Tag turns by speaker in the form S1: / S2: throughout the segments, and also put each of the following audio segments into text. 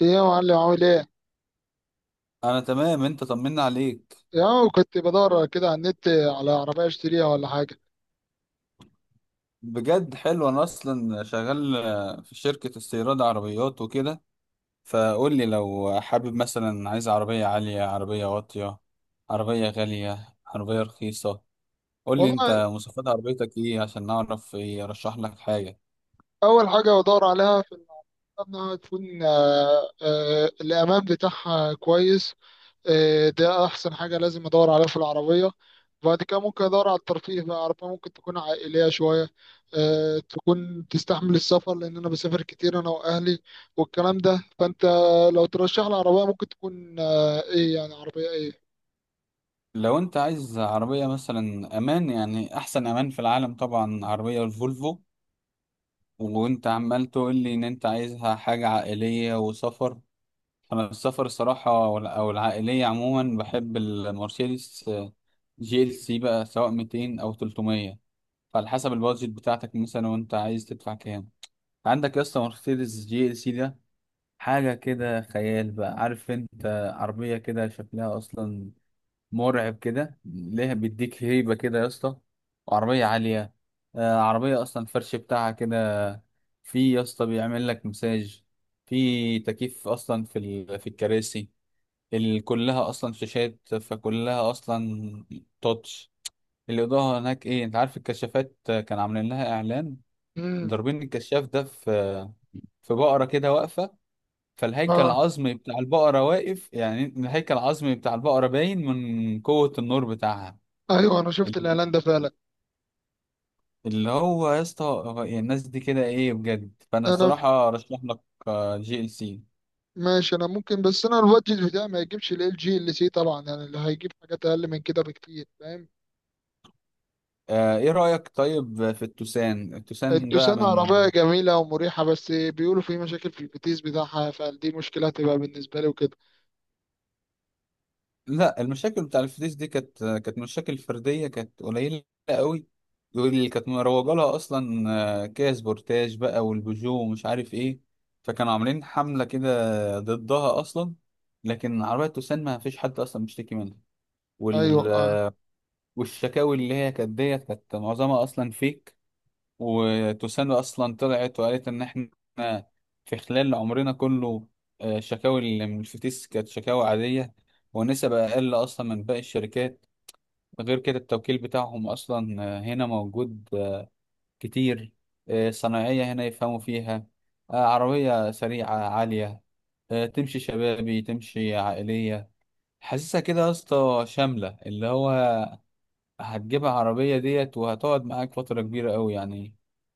S1: ايه يا معلم عامل ايه؟
S2: انا تمام، انت طمنا عليك.
S1: يا كنت بدور كده على النت على عربية اشتريها ولا حاجة.
S2: بجد حلو. انا اصلا شغال في شركة استيراد عربيات وكده. فقول لي لو حابب، مثلا عايز عربية عالية، عربية واطية، عربية غالية، عربية رخيصة. قول لي انت
S1: والله،
S2: مواصفات عربيتك ايه عشان نعرف ايه ارشح لك حاجة.
S1: أول حاجة بدور عليها في العربية إنها تكون الأمان بتاعها كويس. ده أحسن حاجة لازم أدور عليها في العربية. بعد كده ممكن أدور على الترفيه بقى، عربية ممكن تكون عائلية شوية، تكون تستحمل السفر لأن أنا بسافر كتير أنا وأهلي والكلام ده. فأنت لو ترشح لي عربية ممكن تكون إيه، يعني عربية إيه؟
S2: لو انت عايز عربية مثلا امان، يعني احسن امان في العالم طبعا عربية الفولفو. وانت عمال تقول لي ان انت عايزها حاجة عائلية وسفر. انا السفر الصراحه او العائليه عموما بحب المرسيدس جي ال سي بقى، سواء 200 او 300. فعلى حسب البادجت بتاعتك مثلا، وانت عايز تدفع كام؟ عندك يا اسطى مرسيدس جي ال سي ده حاجه كده خيال بقى، عارف انت. عربيه كده شكلها اصلا مرعب كده، ليها بيديك هيبه كده يا اسطى. وعربيه عاليه. عربيه اصلا الفرش بتاعها كده، في يا اسطى بيعمل لك مساج. في تكييف اصلا في الكراسي. كلها اصلا شاشات، فكلها اصلا تاتش. الاضاءه هناك ايه، انت عارف الكشافات كان عاملين لها اعلان،
S1: مم.
S2: ضاربين الكشاف ده في بقره كده واقفه، فالهيكل
S1: اه.
S2: العظمي بتاع البقره واقف، يعني الهيكل العظمي بتاع البقره باين من قوه النور بتاعها.
S1: ايوه، انا شفت
S2: ال-
S1: الاعلان ده فعلا.
S2: اللي هو يا اسطى، هو إيه الناس دي كده ايه بجد؟ فانا
S1: انا ف...
S2: الصراحه ارشح لك جي ال سي.
S1: ماشي، انا ممكن، بس انا البادجت بتاعي ما يجيبش ال جي ال سي طبعا، يعني اللي هيجيب حاجات اقل من كده بكتير، فاهم.
S2: ايه رايك طيب في التوسان بقى
S1: التوسان
S2: من؟
S1: عربية جميلة ومريحة، بس بيقولوا في مشاكل في الفتيس بتاعها، فدي مشكلة هتبقى بالنسبة لي وكده.
S2: لا، المشاكل بتاع الفلوس دي كانت مشاكل فردية، كانت قليلة قوي. واللي كانت مروجة لها أصلا كيا سبورتاج بقى والبيجو ومش عارف إيه. فكانوا عاملين حملة كده ضدها أصلا. لكن عربية توسان ما فيش حد أصلا بيشتكي منها
S1: ايوه
S2: وال...
S1: اه.
S2: والشكاوي اللي هي كانت ديت كانت معظمها أصلا فيك. وتوسانو اصلا طلعت وقالت ان احنا في خلال عمرنا كله، الشكاوي اللي من الفتيس كانت شكاوي عاديه، ونسب اقل اصلا من باقي الشركات. غير كده التوكيل بتاعهم اصلا هنا موجود كتير. صناعيه هنا يفهموا فيها. عربيه سريعه عاليه. تمشي شبابي تمشي عائليه. حاسسها كده يا اسطى شامله، اللي هو هتجيب عربية ديت وهتقعد معاك فترة كبيرة أوي يعني.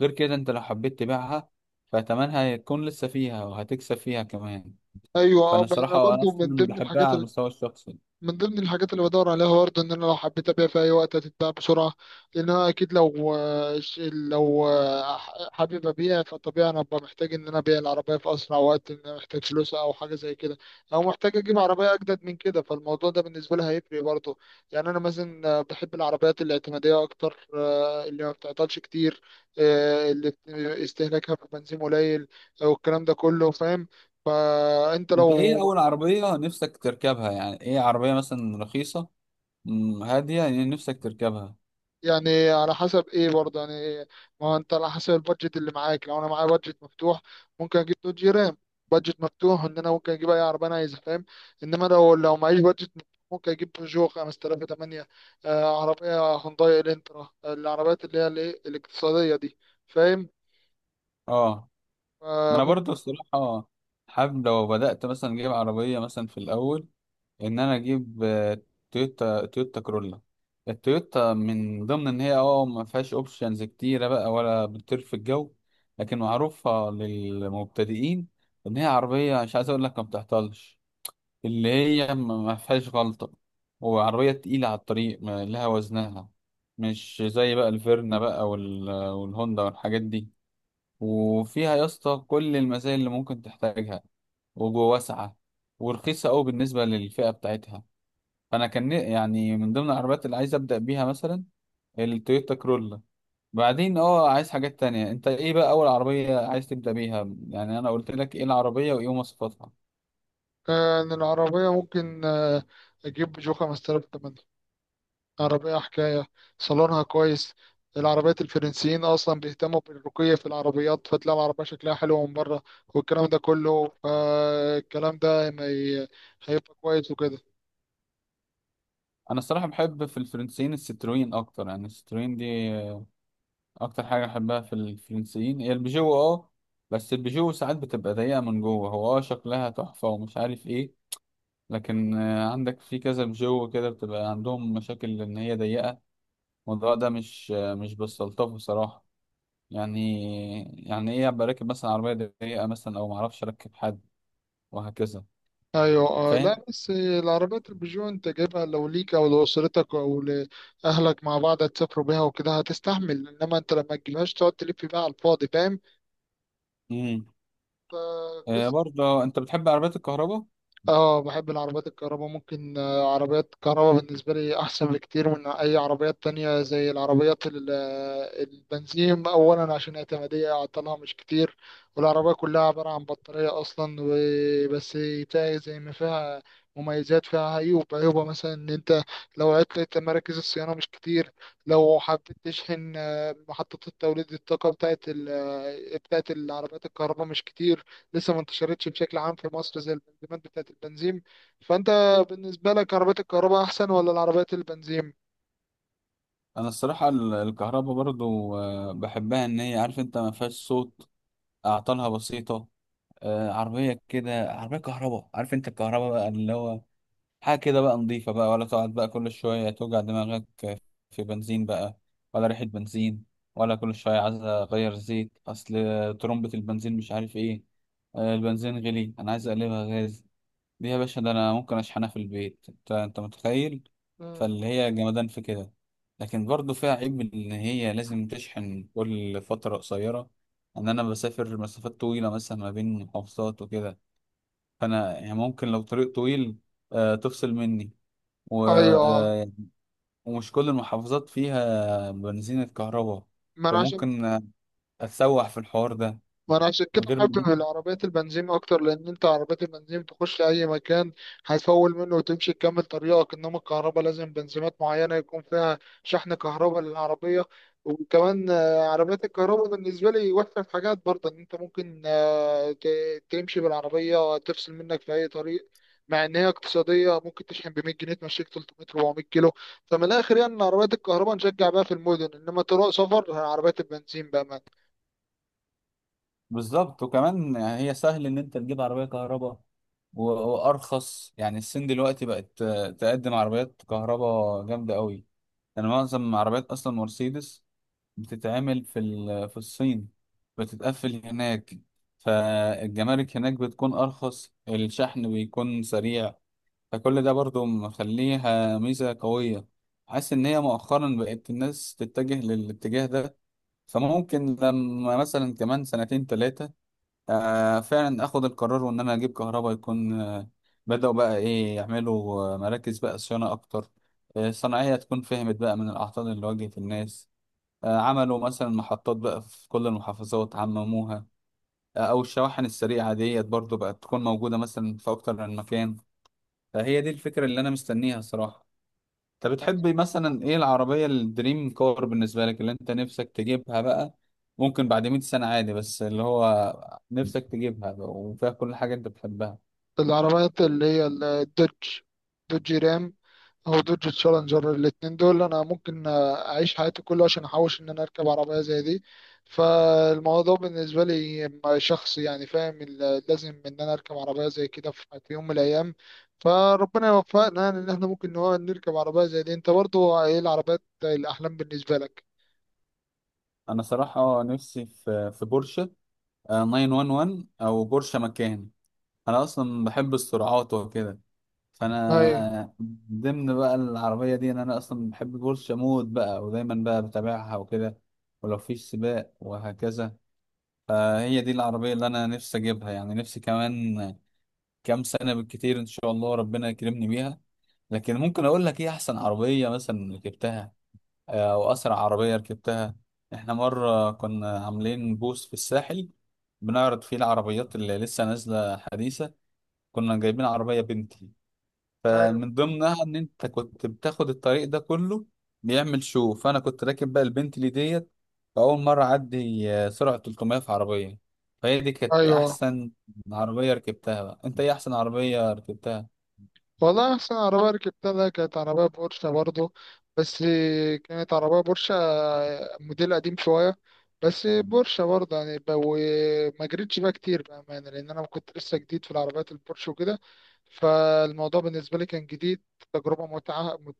S2: غير كده أنت لو حبيت تبيعها فتمنها هيكون لسه فيها وهتكسب فيها كمان.
S1: ايوه اه،
S2: فأنا
S1: انا
S2: الصراحة أنا
S1: برضو من
S2: أصلا
S1: ضمن
S2: بحبها
S1: الحاجات،
S2: على المستوى الشخصي.
S1: اللي بدور عليها برضه ان انا لو حبيت ابيع في اي وقت هتتباع بسرعه. لان انا اكيد لو حابب ابيع، فطبيعي انا ببقى محتاج ان انا ابيع العربيه في اسرع وقت، ان انا محتاج فلوس او حاجه زي كده، او محتاج اجيب عربيه اجدد من كده. فالموضوع ده بالنسبه لي هيفرق برضه. يعني انا مثلا بحب العربيات الاعتماديه اكتر، اللي ما بتعطلش كتير، اللي استهلاكها في البنزين قليل والكلام ده كله، فاهم. فانت
S2: أنت
S1: لو،
S2: إيه أول عربية نفسك تركبها؟ يعني إيه عربية مثلا رخيصة، هادية، يعني نفسك تركبها؟
S1: يعني على حسب ايه برضه، يعني إيه؟ ما هو انت على حسب البادجت اللي معاك. لو انا معايا بادجت مفتوح ممكن اجيب دوج رام. بادجت مفتوح ان انا ممكن اجيب اي عربيه انا عايزها، فاهم. انما لو معيش بادجت مفتوح ممكن اجيب بيجو 5008، عربيه هونداي الانترا، العربيات اللي هي الايه الاقتصاديه دي، فاهم.
S2: أه.
S1: آه،
S2: أنا
S1: ممكن
S2: برضو الصراحة حابب لو بدأت مثلا أجيب عربية مثلا في الأول، ان انا اجيب تويوتا كرولا. التويوتا من ضمن ان هي ما فيهاش اوبشنز كتيره بقى، ولا بتطير في الجو. لكن معروفه للمبتدئين، ان هي عربيه، مش عايز اقول لك ما بتعطلش، اللي هي ما فيهاش غلطه. وعربيه تقيله على الطريق، لها وزنها. مش زي بقى الفيرنا بقى والهوندا والحاجات دي. وفيها يا اسطى كل المزايا اللي ممكن تحتاجها، وجوه واسعه، ورخيصه قوي بالنسبه للفئه بتاعتها. فانا كان يعني من ضمن العربيات اللي عايز ابدا بيها مثلا التويوتا كرولا. بعدين عايز حاجات تانية، انت ايه بقى اول عربية عايز تبدا بيها؟ يعني انا قلت لك ايه العربية وايه مواصفاتها.
S1: آه، إن العربيه ممكن، اجيب بيجو 5008. عربية حكاية، صالونها كويس. العربيات الفرنسيين أصلا بيهتموا بالرقي في العربيات، فتلاقي العربية شكلها حلو من بره والكلام ده كله. فالكلام ده ما ي- هيبقى كويس وكده.
S2: انا الصراحة بحب في الفرنسيين الستروين اكتر، يعني الستروين دي اكتر حاجة بحبها في الفرنسيين هي البيجو اه بس البيجو ساعات بتبقى ضيقة من جوه، هو شكلها تحفة ومش عارف ايه. لكن عندك في كذا بيجو كده بتبقى عندهم مشاكل ان هي ضيقة. الموضوع ده مش بستلطفه صراحة. يعني يعني ايه ابقى راكب مثلا عربيه ضيقه مثلا، او ما اعرفش اركب حد، وهكذا.
S1: أيوة آه،
S2: فاهم.
S1: لا بس العربيات البيجو أنت جايبها لو ليك أو لأسرتك أو لأهلك، مع بعض هتسافروا بيها وكده هتستحمل، إنما أنت لما تجيبهاش تقعد تلف بيها على الفاضي.
S2: امم
S1: فاهم.
S2: برضه انت بتحب عربيات الكهرباء؟
S1: اه، بحب العربيات الكهرباء، ممكن عربيات كهرباء بالنسبة لي أحسن بكتير من أي عربيات تانية زي العربيات البنزين. أولا عشان اعتمادية عطلها مش كتير، والعربية كلها عبارة عن بطارية أصلا. وبس بتاعي زي ما فيها مميزات فيها عيوب. عيوبها مثلا إن أنت لو عطلت مراكز الصيانة مش كتير، لو حبيت تشحن محطة التوليد الطاقة بتاعت بتاعت العربيات الكهرباء مش كتير، لسه ما انتشرتش بشكل عام في مصر زي البنزينات بتاعت البنزين. فأنت بالنسبة لك عربيات الكهرباء أحسن ولا العربيات البنزين؟
S2: انا الصراحه الكهرباء برضه، بحبها ان هي عارف انت ما فيهاش صوت. اعطالها بسيطه. عربيه كده عربيه كهرباء، عارف انت الكهرباء بقى اللي هو حاجه كده بقى نظيفه بقى، ولا تقعد بقى كل شويه توجع دماغك. في بنزين بقى، ولا ريحة بنزين، ولا كل شوية عايز أغير زيت أصل ترمبة البنزين مش عارف إيه. البنزين غلي أنا عايز أقلبها غاز. دي يا باشا ده أنا ممكن أشحنها في البيت، أنت متخيل؟
S1: مم.
S2: فاللي هي جمدان في كده. لكن برضه فيها عيب إن هي لازم تشحن كل فترة قصيرة، إن أنا بسافر مسافات طويلة مثلا ما بين محافظات وكده. فأنا يعني ممكن لو طريق طويل تفصل مني
S1: أيوه.
S2: ويعني ومش كل المحافظات فيها بنزينة كهرباء.
S1: ما أنا عشان
S2: فممكن اتسوح في الحوار ده.
S1: ما انا عشان كده
S2: غير
S1: حابب
S2: من-
S1: العربيات البنزين اكتر، لان انت عربيات البنزين تخش اي مكان، هتفول منه وتمشي تكمل طريقك. انما الكهرباء لازم بنزينات معينه يكون فيها شحن كهرباء للعربيه. وكمان عربيات الكهرباء بالنسبه لي وحشه في حاجات برضه، ان انت ممكن تمشي بالعربيه تفصل منك في اي طريق. مع ان هي اقتصاديه، ممكن تشحن ب 100 جنيه تمشيك 300 400 كيلو. فمن الاخر يعني إن عربيات الكهرباء نشجع بقى في المدن، انما طرق سفر عربيات البنزين بقى.
S2: بالظبط. وكمان هي سهل ان انت تجيب عربية كهرباء وارخص. يعني الصين دلوقتي بقت تقدم عربيات كهرباء جامدة قوي. يعني معظم عربيات اصلا مرسيدس بتتعمل في الصين، بتتقفل هناك. فالجمارك هناك بتكون ارخص، الشحن بيكون سريع. فكل ده برضو مخليها ميزة قوية. حاسس إن هي مؤخرا بقت الناس تتجه للاتجاه ده. فممكن لما مثلا كمان سنتين تلاتة فعلا آخد القرار وإن أنا أجيب كهرباء، يكون بدأوا بقى إيه يعملوا مراكز بقى صيانة أكتر. الصناعية تكون فهمت بقى من الأعطال اللي واجهت الناس. عملوا مثلا محطات بقى في كل المحافظات عمموها. أو الشواحن السريعة ديت برضو بقت تكون موجودة مثلا في أكتر من مكان. فهي دي الفكرة اللي أنا مستنيها صراحة. انت بتحب مثلا ايه العربية الدريم كار بالنسبة لك، اللي انت نفسك تجيبها بقى، ممكن بعد 100 سنة عادي، بس اللي هو نفسك تجيبها بقى وفيها كل حاجة انت بتحبها؟
S1: العربيات اللي هي الدوج، دوج رام او دوج تشالنجر، الاتنين دول انا ممكن اعيش حياتي كلها عشان احوش ان انا اركب عربية زي دي. فالموضوع بالنسبة لي شخصي يعني، فاهم. لازم ان انا اركب عربية زي كده في يوم من الايام، فربنا يوفقنا يعني ان احنا ممكن نركب عربية زي دي. انت برضو ايه العربيات الاحلام بالنسبة لك؟
S2: انا صراحة نفسي في بورشة، 911 او بورشة مكان. انا اصلا بحب السرعات وكده،
S1: ايوه،
S2: فانا ضمن بقى العربية دي ان انا اصلا بحب بورشة مود بقى ودايما بقى بتابعها وكده، ولو فيش سباق وهكذا. فهي دي العربية اللي أنا نفسي أجيبها، يعني نفسي كمان كام سنة بالكتير إن شاء الله ربنا يكرمني بيها. لكن ممكن أقول لك إيه أحسن عربية مثلا ركبتها، أو أسرع عربية ركبتها. إحنا مرة كنا عاملين بوث في الساحل، بنعرض فيه العربيات اللي لسه نازلة حديثة. كنا جايبين عربية بنتلي.
S1: ايوه،
S2: فمن ضمنها ان انت كنت بتاخد الطريق ده كله، بيعمل شو. فانا كنت راكب بقى البنتلي ديت، فاول مره اعدي سرعه 300 في عربيه. فهي دي كانت
S1: ايوه.
S2: احسن عربيه ركبتها بقى. انت ايه احسن عربيه ركبتها؟
S1: والله أحسن عربية ركبتها ده كانت عربية بورشة برضو، بس. كانت عربية بورشة موديل قديم شوية، بس بورشة برضه يعني، وما جريتش بقى كتير بأمانة لأن أنا كنت لسه جديد في العربيات البورش وكده. فالموضوع بالنسبة لي كان جديد، تجربة متعة،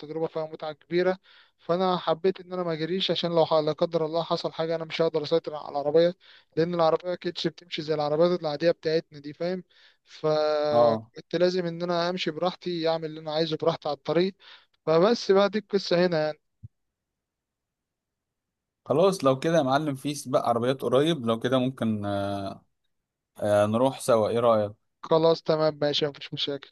S1: تجربة فيها متعة كبيرة. فأنا حبيت إن أنا ما أجريش، عشان لو لا قدر الله حصل حاجة أنا مش هقدر أسيطر على العربية، لأن العربية ما كانتش بتمشي زي العربيات العادية بتاعتنا دي، فاهم.
S2: اه.
S1: كنت لازم ان انا امشي براحتي، اعمل اللي انا عايزه براحتي على الطريق. فبس بقى دي القصة هنا يعني.
S2: خلاص لو كده يا معلم، في سباق عربيات قريب لو كده ممكن نروح سوا، ايه رايك؟
S1: خلاص تمام ماشي، مفيش مشاكل.